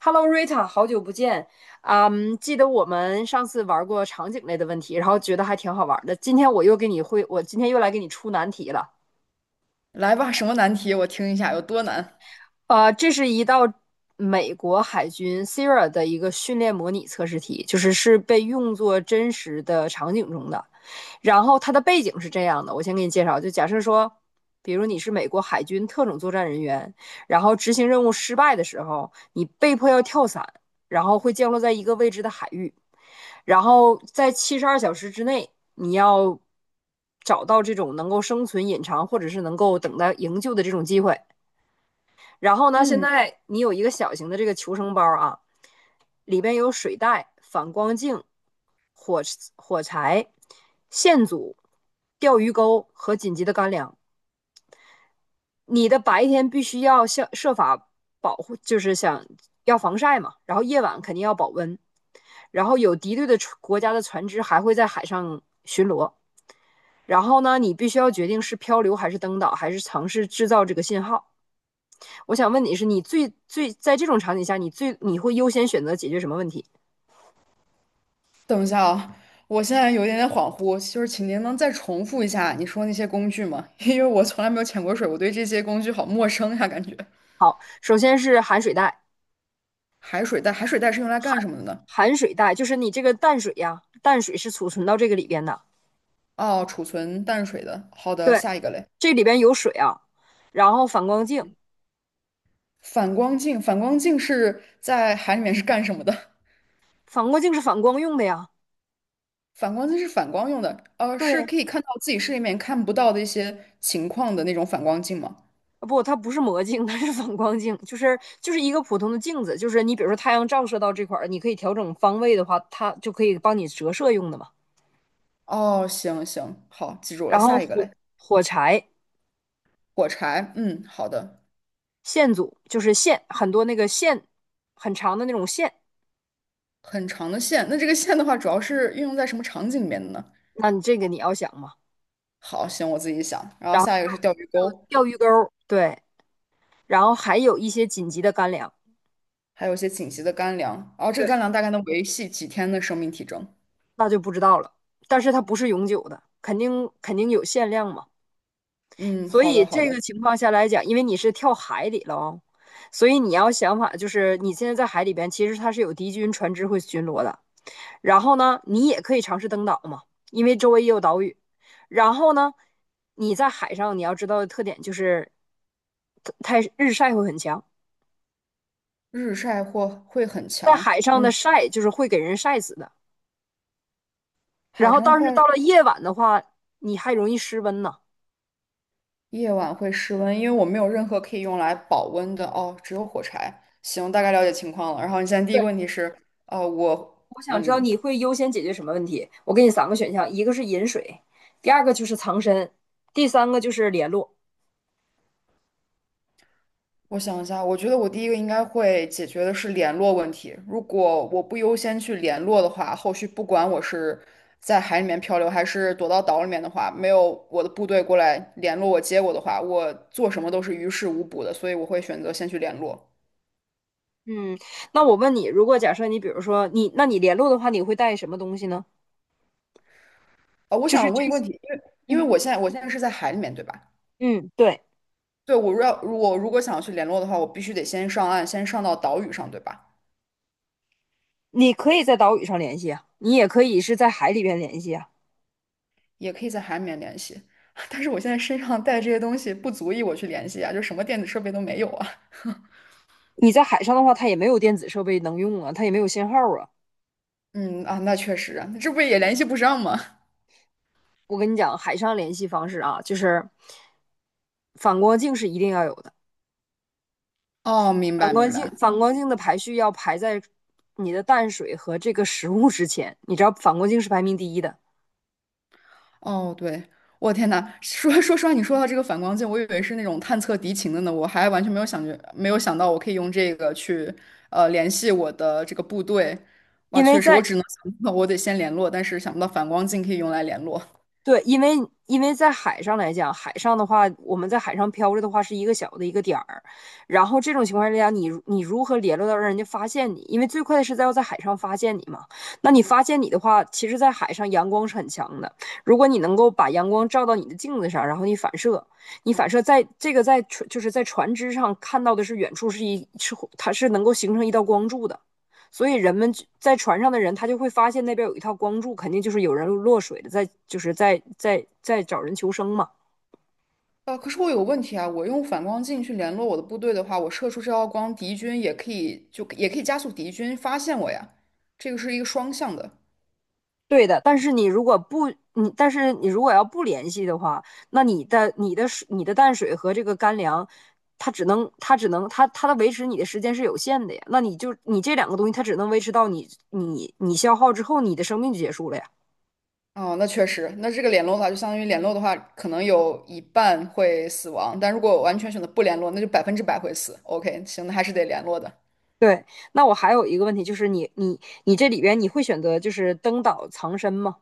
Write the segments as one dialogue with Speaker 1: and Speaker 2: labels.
Speaker 1: Hello Rita,好久不见。记得我们上次玩过场景类的问题，然后觉得还挺好玩的。今天我又给你会，我今天又来给你出难题了。
Speaker 2: 来吧，什么难题？我听一下有多难。
Speaker 1: 这是一道美国海军 SERA 的一个训练模拟测试题，就是被用作真实的场景中的。然后它的背景是这样的，我先给你介绍，就假设说，比如你是美国海军特种作战人员，然后执行任务失败的时候，你被迫要跳伞，然后会降落在一个未知的海域，然后在七十二小时之内，你要找到这种能够生存、隐藏或者是能够等待营救的这种机会。然后呢，现
Speaker 2: 嗯，
Speaker 1: 在你有一个小型的这个求生包啊，里边有水袋、反光镜、火柴、线组、钓鱼钩和紧急的干粮。你的白天必须要想设法保护，就是想要防晒嘛，然后夜晚肯定要保温。然后有敌对的国家的船只还会在海上巡逻。然后呢，你必须要决定是漂流还是登岛，还是尝试制造这个信号。我想问你是，你最最在这种场景下，你最你会优先选择解决什么问题？
Speaker 2: 等一下啊，我现在有一点点恍惚，就是请您能再重复一下你说那些工具吗？因为我从来没有潜过水，我对这些工具好陌生呀，感觉。
Speaker 1: 首先是含水带，
Speaker 2: 海水袋，海水袋是用来干什么的呢？
Speaker 1: 含水带，就是你这个淡水呀、啊淡水是储存到这个里边的。
Speaker 2: 哦，储存淡水的。好的，
Speaker 1: 对，
Speaker 2: 下一个嘞。
Speaker 1: 这里边有水啊，然后反光镜，
Speaker 2: 反光镜，反光镜是在海里面是干什么的？
Speaker 1: 反光镜是反光用的呀。
Speaker 2: 反光镜是反光用的，是
Speaker 1: 对，
Speaker 2: 可以看到自己视力里面看不到的一些情况的那种反光镜吗？
Speaker 1: 啊不，它不是魔镜，它是反光镜，就是一个普通的镜子，就是你比如说太阳照射到这块儿，你可以调整方位的话，它就可以帮你折射用的嘛。
Speaker 2: 哦，行行，好，记住了，
Speaker 1: 然后
Speaker 2: 下一个嘞。
Speaker 1: 火柴
Speaker 2: 火柴，嗯，好的，
Speaker 1: 线组就是线，很多那个线很长的那种线，
Speaker 2: 很长的线。那这个线的话，主要是运用在什么场景里面的呢？
Speaker 1: 那你这个你要想嘛。
Speaker 2: 好，行，我自己想。然后
Speaker 1: 然后
Speaker 2: 下一个是钓鱼
Speaker 1: 还有
Speaker 2: 钩，
Speaker 1: 钓鱼钩对，然后还有一些紧急的干粮，
Speaker 2: 还有一些紧急的干粮。然后这
Speaker 1: 对，
Speaker 2: 个干粮大概能维系几天的生命体征？
Speaker 1: 那就不知道了。但是它不是永久的，肯定有限量嘛。
Speaker 2: 嗯，
Speaker 1: 所
Speaker 2: 好
Speaker 1: 以
Speaker 2: 的，好
Speaker 1: 这
Speaker 2: 的。
Speaker 1: 个情况下来讲，因为你是跳海里了哦，所以你要想法就是你现在在海里边，其实它是有敌军船只会巡逻的。然后呢，你也可以尝试登岛嘛，因为周围也有岛屿。然后呢，你在海上你要知道的特点就是太日晒会很强，
Speaker 2: 日晒或会很
Speaker 1: 在
Speaker 2: 强，
Speaker 1: 海上
Speaker 2: 嗯，
Speaker 1: 的晒就是会给人晒死的。然
Speaker 2: 海
Speaker 1: 后，
Speaker 2: 上的
Speaker 1: 但
Speaker 2: 话，
Speaker 1: 是到了夜晚的话，你还容易失温呢。
Speaker 2: 夜晚会失温，因为我没有任何可以用来保温的哦，只有火柴。行，大概了解情况了。然后你现在第一个问题是，呃，我，
Speaker 1: 我想知道
Speaker 2: 嗯，
Speaker 1: 你会优先解决什么问题？我给你三个选项，一个是饮水，第二个就是藏身，第三个就是联络。
Speaker 2: 我想一下，我觉得我第一个应该会解决的是联络问题。如果我不优先去联络的话，后续不管我是在海里面漂流，还是躲到岛里面的话，没有我的部队过来联络我、接我的话，我做什么都是于事无补的。所以我会选择先去联络。
Speaker 1: 嗯，那我问你，如果假设你比如说你，那你联络的话，你会带什么东西呢？
Speaker 2: 啊、我
Speaker 1: 就是
Speaker 2: 想问一
Speaker 1: 这
Speaker 2: 个问
Speaker 1: 些。
Speaker 2: 题，因为
Speaker 1: 嗯
Speaker 2: 我现在是在海里面，对吧？
Speaker 1: 嗯，对，
Speaker 2: 对，我如果想要去联络的话，我必须得先上岸，先上到岛屿上，对吧？
Speaker 1: 你可以在岛屿上联系啊，你也可以是在海里边联系啊。
Speaker 2: 也可以在海里面联系。但是我现在身上带这些东西不足以我去联系啊，就什么电子设备都没有啊。
Speaker 1: 你在海上的话，它也没有电子设备能用啊，它也没有信号啊。
Speaker 2: 嗯啊，那确实啊，这不也联系不上吗？
Speaker 1: 我跟你讲，海上联系方式啊，就是反光镜是一定要有的。
Speaker 2: 哦，明
Speaker 1: 反
Speaker 2: 白
Speaker 1: 光
Speaker 2: 明
Speaker 1: 镜，
Speaker 2: 白。
Speaker 1: 反光镜的排序要排在你的淡水和这个食物之前。你知道反光镜是排名第一的，
Speaker 2: 哦，对，我天呐，说实话，你说到这个反光镜，我以为是那种探测敌情的呢，我还完全没有想到我可以用这个去联系我的这个部队。哇，
Speaker 1: 因为
Speaker 2: 确实，我
Speaker 1: 在
Speaker 2: 只能想到我得先联络，但是想不到反光镜可以用来联络。
Speaker 1: 对，因为因为在海上来讲，海上的话，我们在海上漂着的话是一个小的一个点儿，然后这种情况之下你如何联络到让人家发现你？因为最快的是在要在海上发现你嘛。那你发现你的话，其实，在海上阳光是很强的，如果你能够把阳光照到你的镜子上，然后你反射，你反射在这个在船就是在船只上看到的是远处是一是它是能够形成一道光柱的。所以在船上的人，他就会发现那边有一套光柱，肯定就是有人落水的，在就是在在在找人求生嘛。
Speaker 2: 啊，可是我有个问题啊，我用反光镜去联络我的部队的话，我射出这道光，敌军也可以加速敌军发现我呀，这个是一个双向的。
Speaker 1: 对的，但是你如果要不联系的话，那你的你的水你的淡水和这个干粮，它只能它只能它它的维持你的时间是有限的呀。那你就你这两个东西，它只能维持到你消耗之后，你的生命就结束了呀。
Speaker 2: 哦，那确实，那这个联络的话，就相当于联络的话，可能有一半会死亡，但如果我完全选择不联络，那就百分之百会死。OK，行，那还是得联络的。
Speaker 1: 对，那我还有一个问题，就是你这里边你会选择就是登岛藏身吗？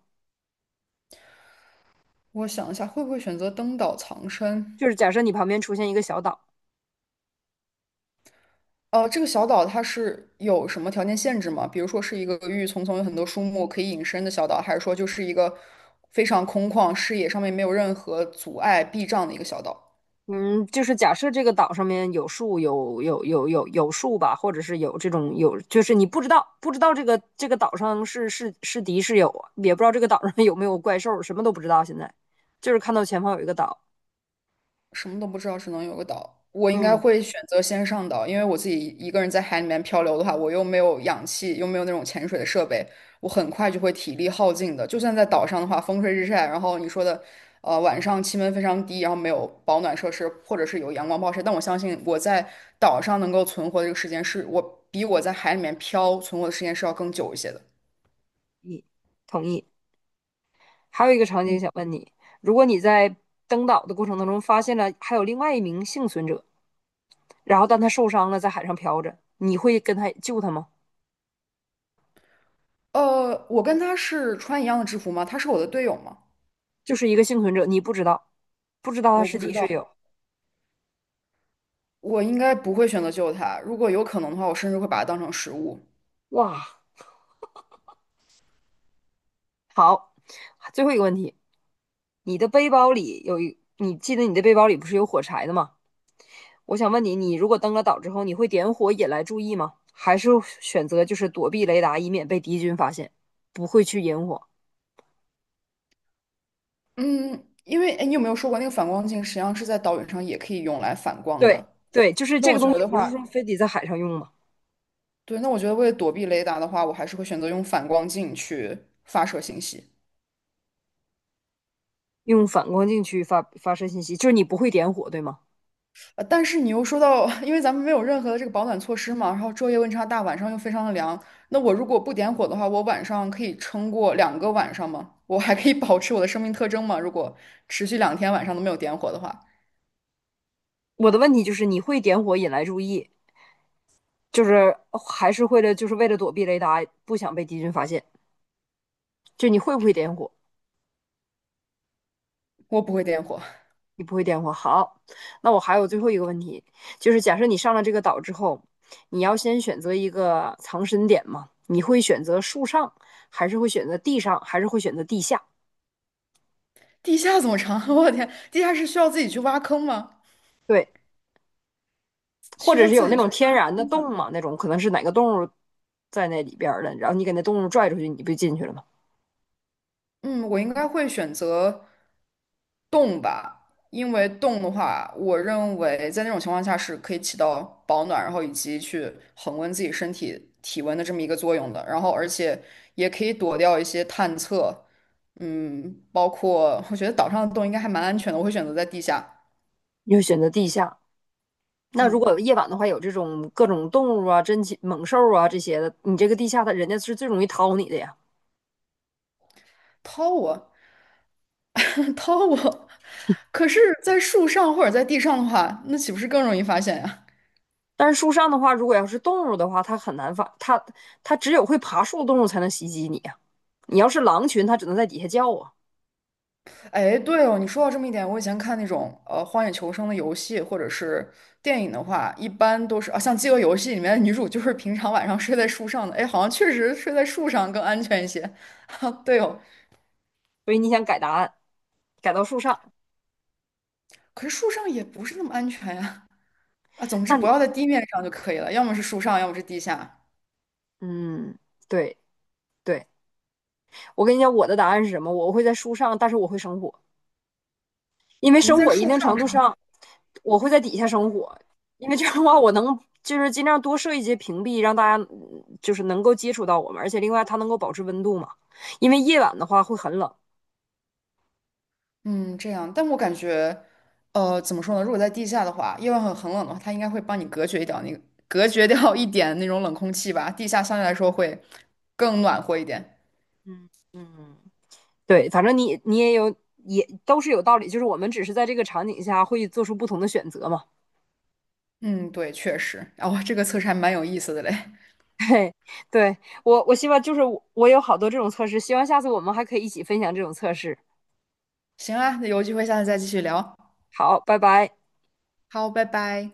Speaker 2: 我想一下，会不会选择登岛藏身？
Speaker 1: 就是假设你旁边出现一个小岛，
Speaker 2: 呃，这个小岛它是有什么条件限制吗？比如说是一个郁郁葱葱、有很多树木可以隐身的小岛，还是说就是一个非常空旷、视野上面没有任何阻碍、避障的一个小岛？
Speaker 1: 嗯，就是假设这个岛上面有树，有树吧，或者是有这种有，就是你不知道不知道这个岛上是敌是友啊，也不知道这个岛上 有没有怪兽，什么都不知道。现在就是看到前方有一个岛，
Speaker 2: 什么都不知道，只能有个岛。我应该
Speaker 1: 嗯，
Speaker 2: 会选择先上岛，因为我自己一个人在海里面漂流的话，我又没有氧气，又没有那种潜水的设备，我很快就会体力耗尽的。就算在岛上的话，风吹日晒，然后你说的，晚上气温非常低，然后没有保暖设施，或者是有阳光暴晒，但我相信我在岛上能够存活的这个时间是，我比我在海里面漂存活的时间是要更久一些的。
Speaker 1: 你同意。还有一个场景
Speaker 2: 嗯，
Speaker 1: 想问你，如果你在登岛的过程当中发现了还有另外一名幸存者，然后但他受伤了，在海上漂着，你会跟他救他吗？
Speaker 2: 我跟他是穿一样的制服吗？他是我的队友吗？
Speaker 1: 就是一个幸存者，你不知道不知道他
Speaker 2: 我
Speaker 1: 是
Speaker 2: 不知
Speaker 1: 敌是
Speaker 2: 道。
Speaker 1: 友。
Speaker 2: 我应该不会选择救它，如果有可能的话，我甚至会把它当成食物。
Speaker 1: 哇，好，最后一个问题，你记得你的背包里不是有火柴的吗？我想问你，你如果登了岛之后，你会点火引来注意吗？还是选择就是躲避雷达，以免被敌军发现，不会去引火？
Speaker 2: 嗯，因为哎，你有没有说过那个反光镜实际上是在岛屿上也可以用来反光
Speaker 1: 对
Speaker 2: 的？
Speaker 1: 对，就是
Speaker 2: 那
Speaker 1: 这
Speaker 2: 我
Speaker 1: 个东
Speaker 2: 觉
Speaker 1: 西，
Speaker 2: 得
Speaker 1: 不是
Speaker 2: 话，
Speaker 1: 说非得在海上用吗？
Speaker 2: 对，那我觉得为了躲避雷达的话，我还是会选择用反光镜去发射信息。
Speaker 1: 用反光镜去发射信息，就是你不会点火，对吗？
Speaker 2: 但是你又说到，因为咱们没有任何的这个保暖措施嘛，然后昼夜温差大，晚上又非常的凉，那我如果不点火的话，我晚上可以撑过两个晚上吗？我还可以保持我的生命特征吗？如果持续两天晚上都没有点火的话，
Speaker 1: 我的问题就是你会点火引来注意，就是还是会了就是为了躲避雷达，不想被敌军发现，就你会不会点火？
Speaker 2: 我不会点火。
Speaker 1: 你不会点火，好，那我还有最后一个问题，就是假设你上了这个岛之后，你要先选择一个藏身点嘛？你会选择树上，还是会选择地上，还是会选择地下？
Speaker 2: 地下怎么藏？我的天，地下室需要自己去挖坑吗？
Speaker 1: 对，或
Speaker 2: 需
Speaker 1: 者
Speaker 2: 要
Speaker 1: 是有
Speaker 2: 自
Speaker 1: 那
Speaker 2: 己
Speaker 1: 种
Speaker 2: 去
Speaker 1: 天然的
Speaker 2: 挖吗？
Speaker 1: 洞嘛？那种可能是哪个动物在那里边儿的，然后你给那动物拽出去，你不就进去了吗？
Speaker 2: 嗯，我应该会选择洞吧，因为洞的话，我认为在那种情况下是可以起到保暖，然后以及去恒温自己身体体温的这么一个作用的。然后，而且也可以躲掉一些探测，嗯，包括我觉得岛上的洞应该还蛮安全的，我会选择在地下。
Speaker 1: 你会选择地下。那如
Speaker 2: 嗯，
Speaker 1: 果夜晚的话，有这种各种动物啊、珍禽猛兽啊这些的，你这个地下的人家是最容易掏你的呀。
Speaker 2: 掏我，掏我。可是，在树上或者在地上的话，那岂不是更容易发现呀？
Speaker 1: 但是树上的话，如果要是动物的话，它很难发，它它只有会爬树的动物才能袭击你啊。你要是狼群，它只能在底下叫啊。
Speaker 2: 哎，对哦，你说到这么一点，我以前看那种《荒野求生》的游戏或者是电影的话，一般都是啊，像《饥饿游戏》里面的女主就是平常晚上睡在树上的，哎，好像确实睡在树上更安全一些。啊，对哦，
Speaker 1: 所以你想改答案，改到树上，
Speaker 2: 可是树上也不是那么安全呀。啊，总之
Speaker 1: 那
Speaker 2: 不
Speaker 1: 你
Speaker 2: 要在地面上就可以了，要么是树上，要么是地下。
Speaker 1: 嗯，对对，我跟你讲，我的答案是什么？我会在树上，但是我会生火，因为
Speaker 2: 你们
Speaker 1: 生
Speaker 2: 在
Speaker 1: 火一
Speaker 2: 树
Speaker 1: 定
Speaker 2: 上。
Speaker 1: 程度上，我会在底下生火，因为这样的话，我能就是尽量多设一些屏蔽，让大家就是能够接触到我们，而且另外它能够保持温度嘛，因为夜晚的话会很冷。
Speaker 2: 嗯，这样，但我感觉，呃，怎么说呢？如果在地下的话，夜晚很冷的话，它应该会帮你隔绝掉隔绝掉一点那种冷空气吧。地下相对来说会更暖和一点。
Speaker 1: 嗯嗯。对，反正你你也有也都是有道理，就是我们只是在这个场景下会做出不同的选择嘛。
Speaker 2: 嗯，对，确实。哦，这个测试还蛮有意思的嘞。
Speaker 1: 嘿，对我我希望就是我有好多这种测试，希望下次我们还可以一起分享这种测试。
Speaker 2: 行啊，那有机会下次再继续聊。
Speaker 1: 好，拜拜。
Speaker 2: 好，拜拜。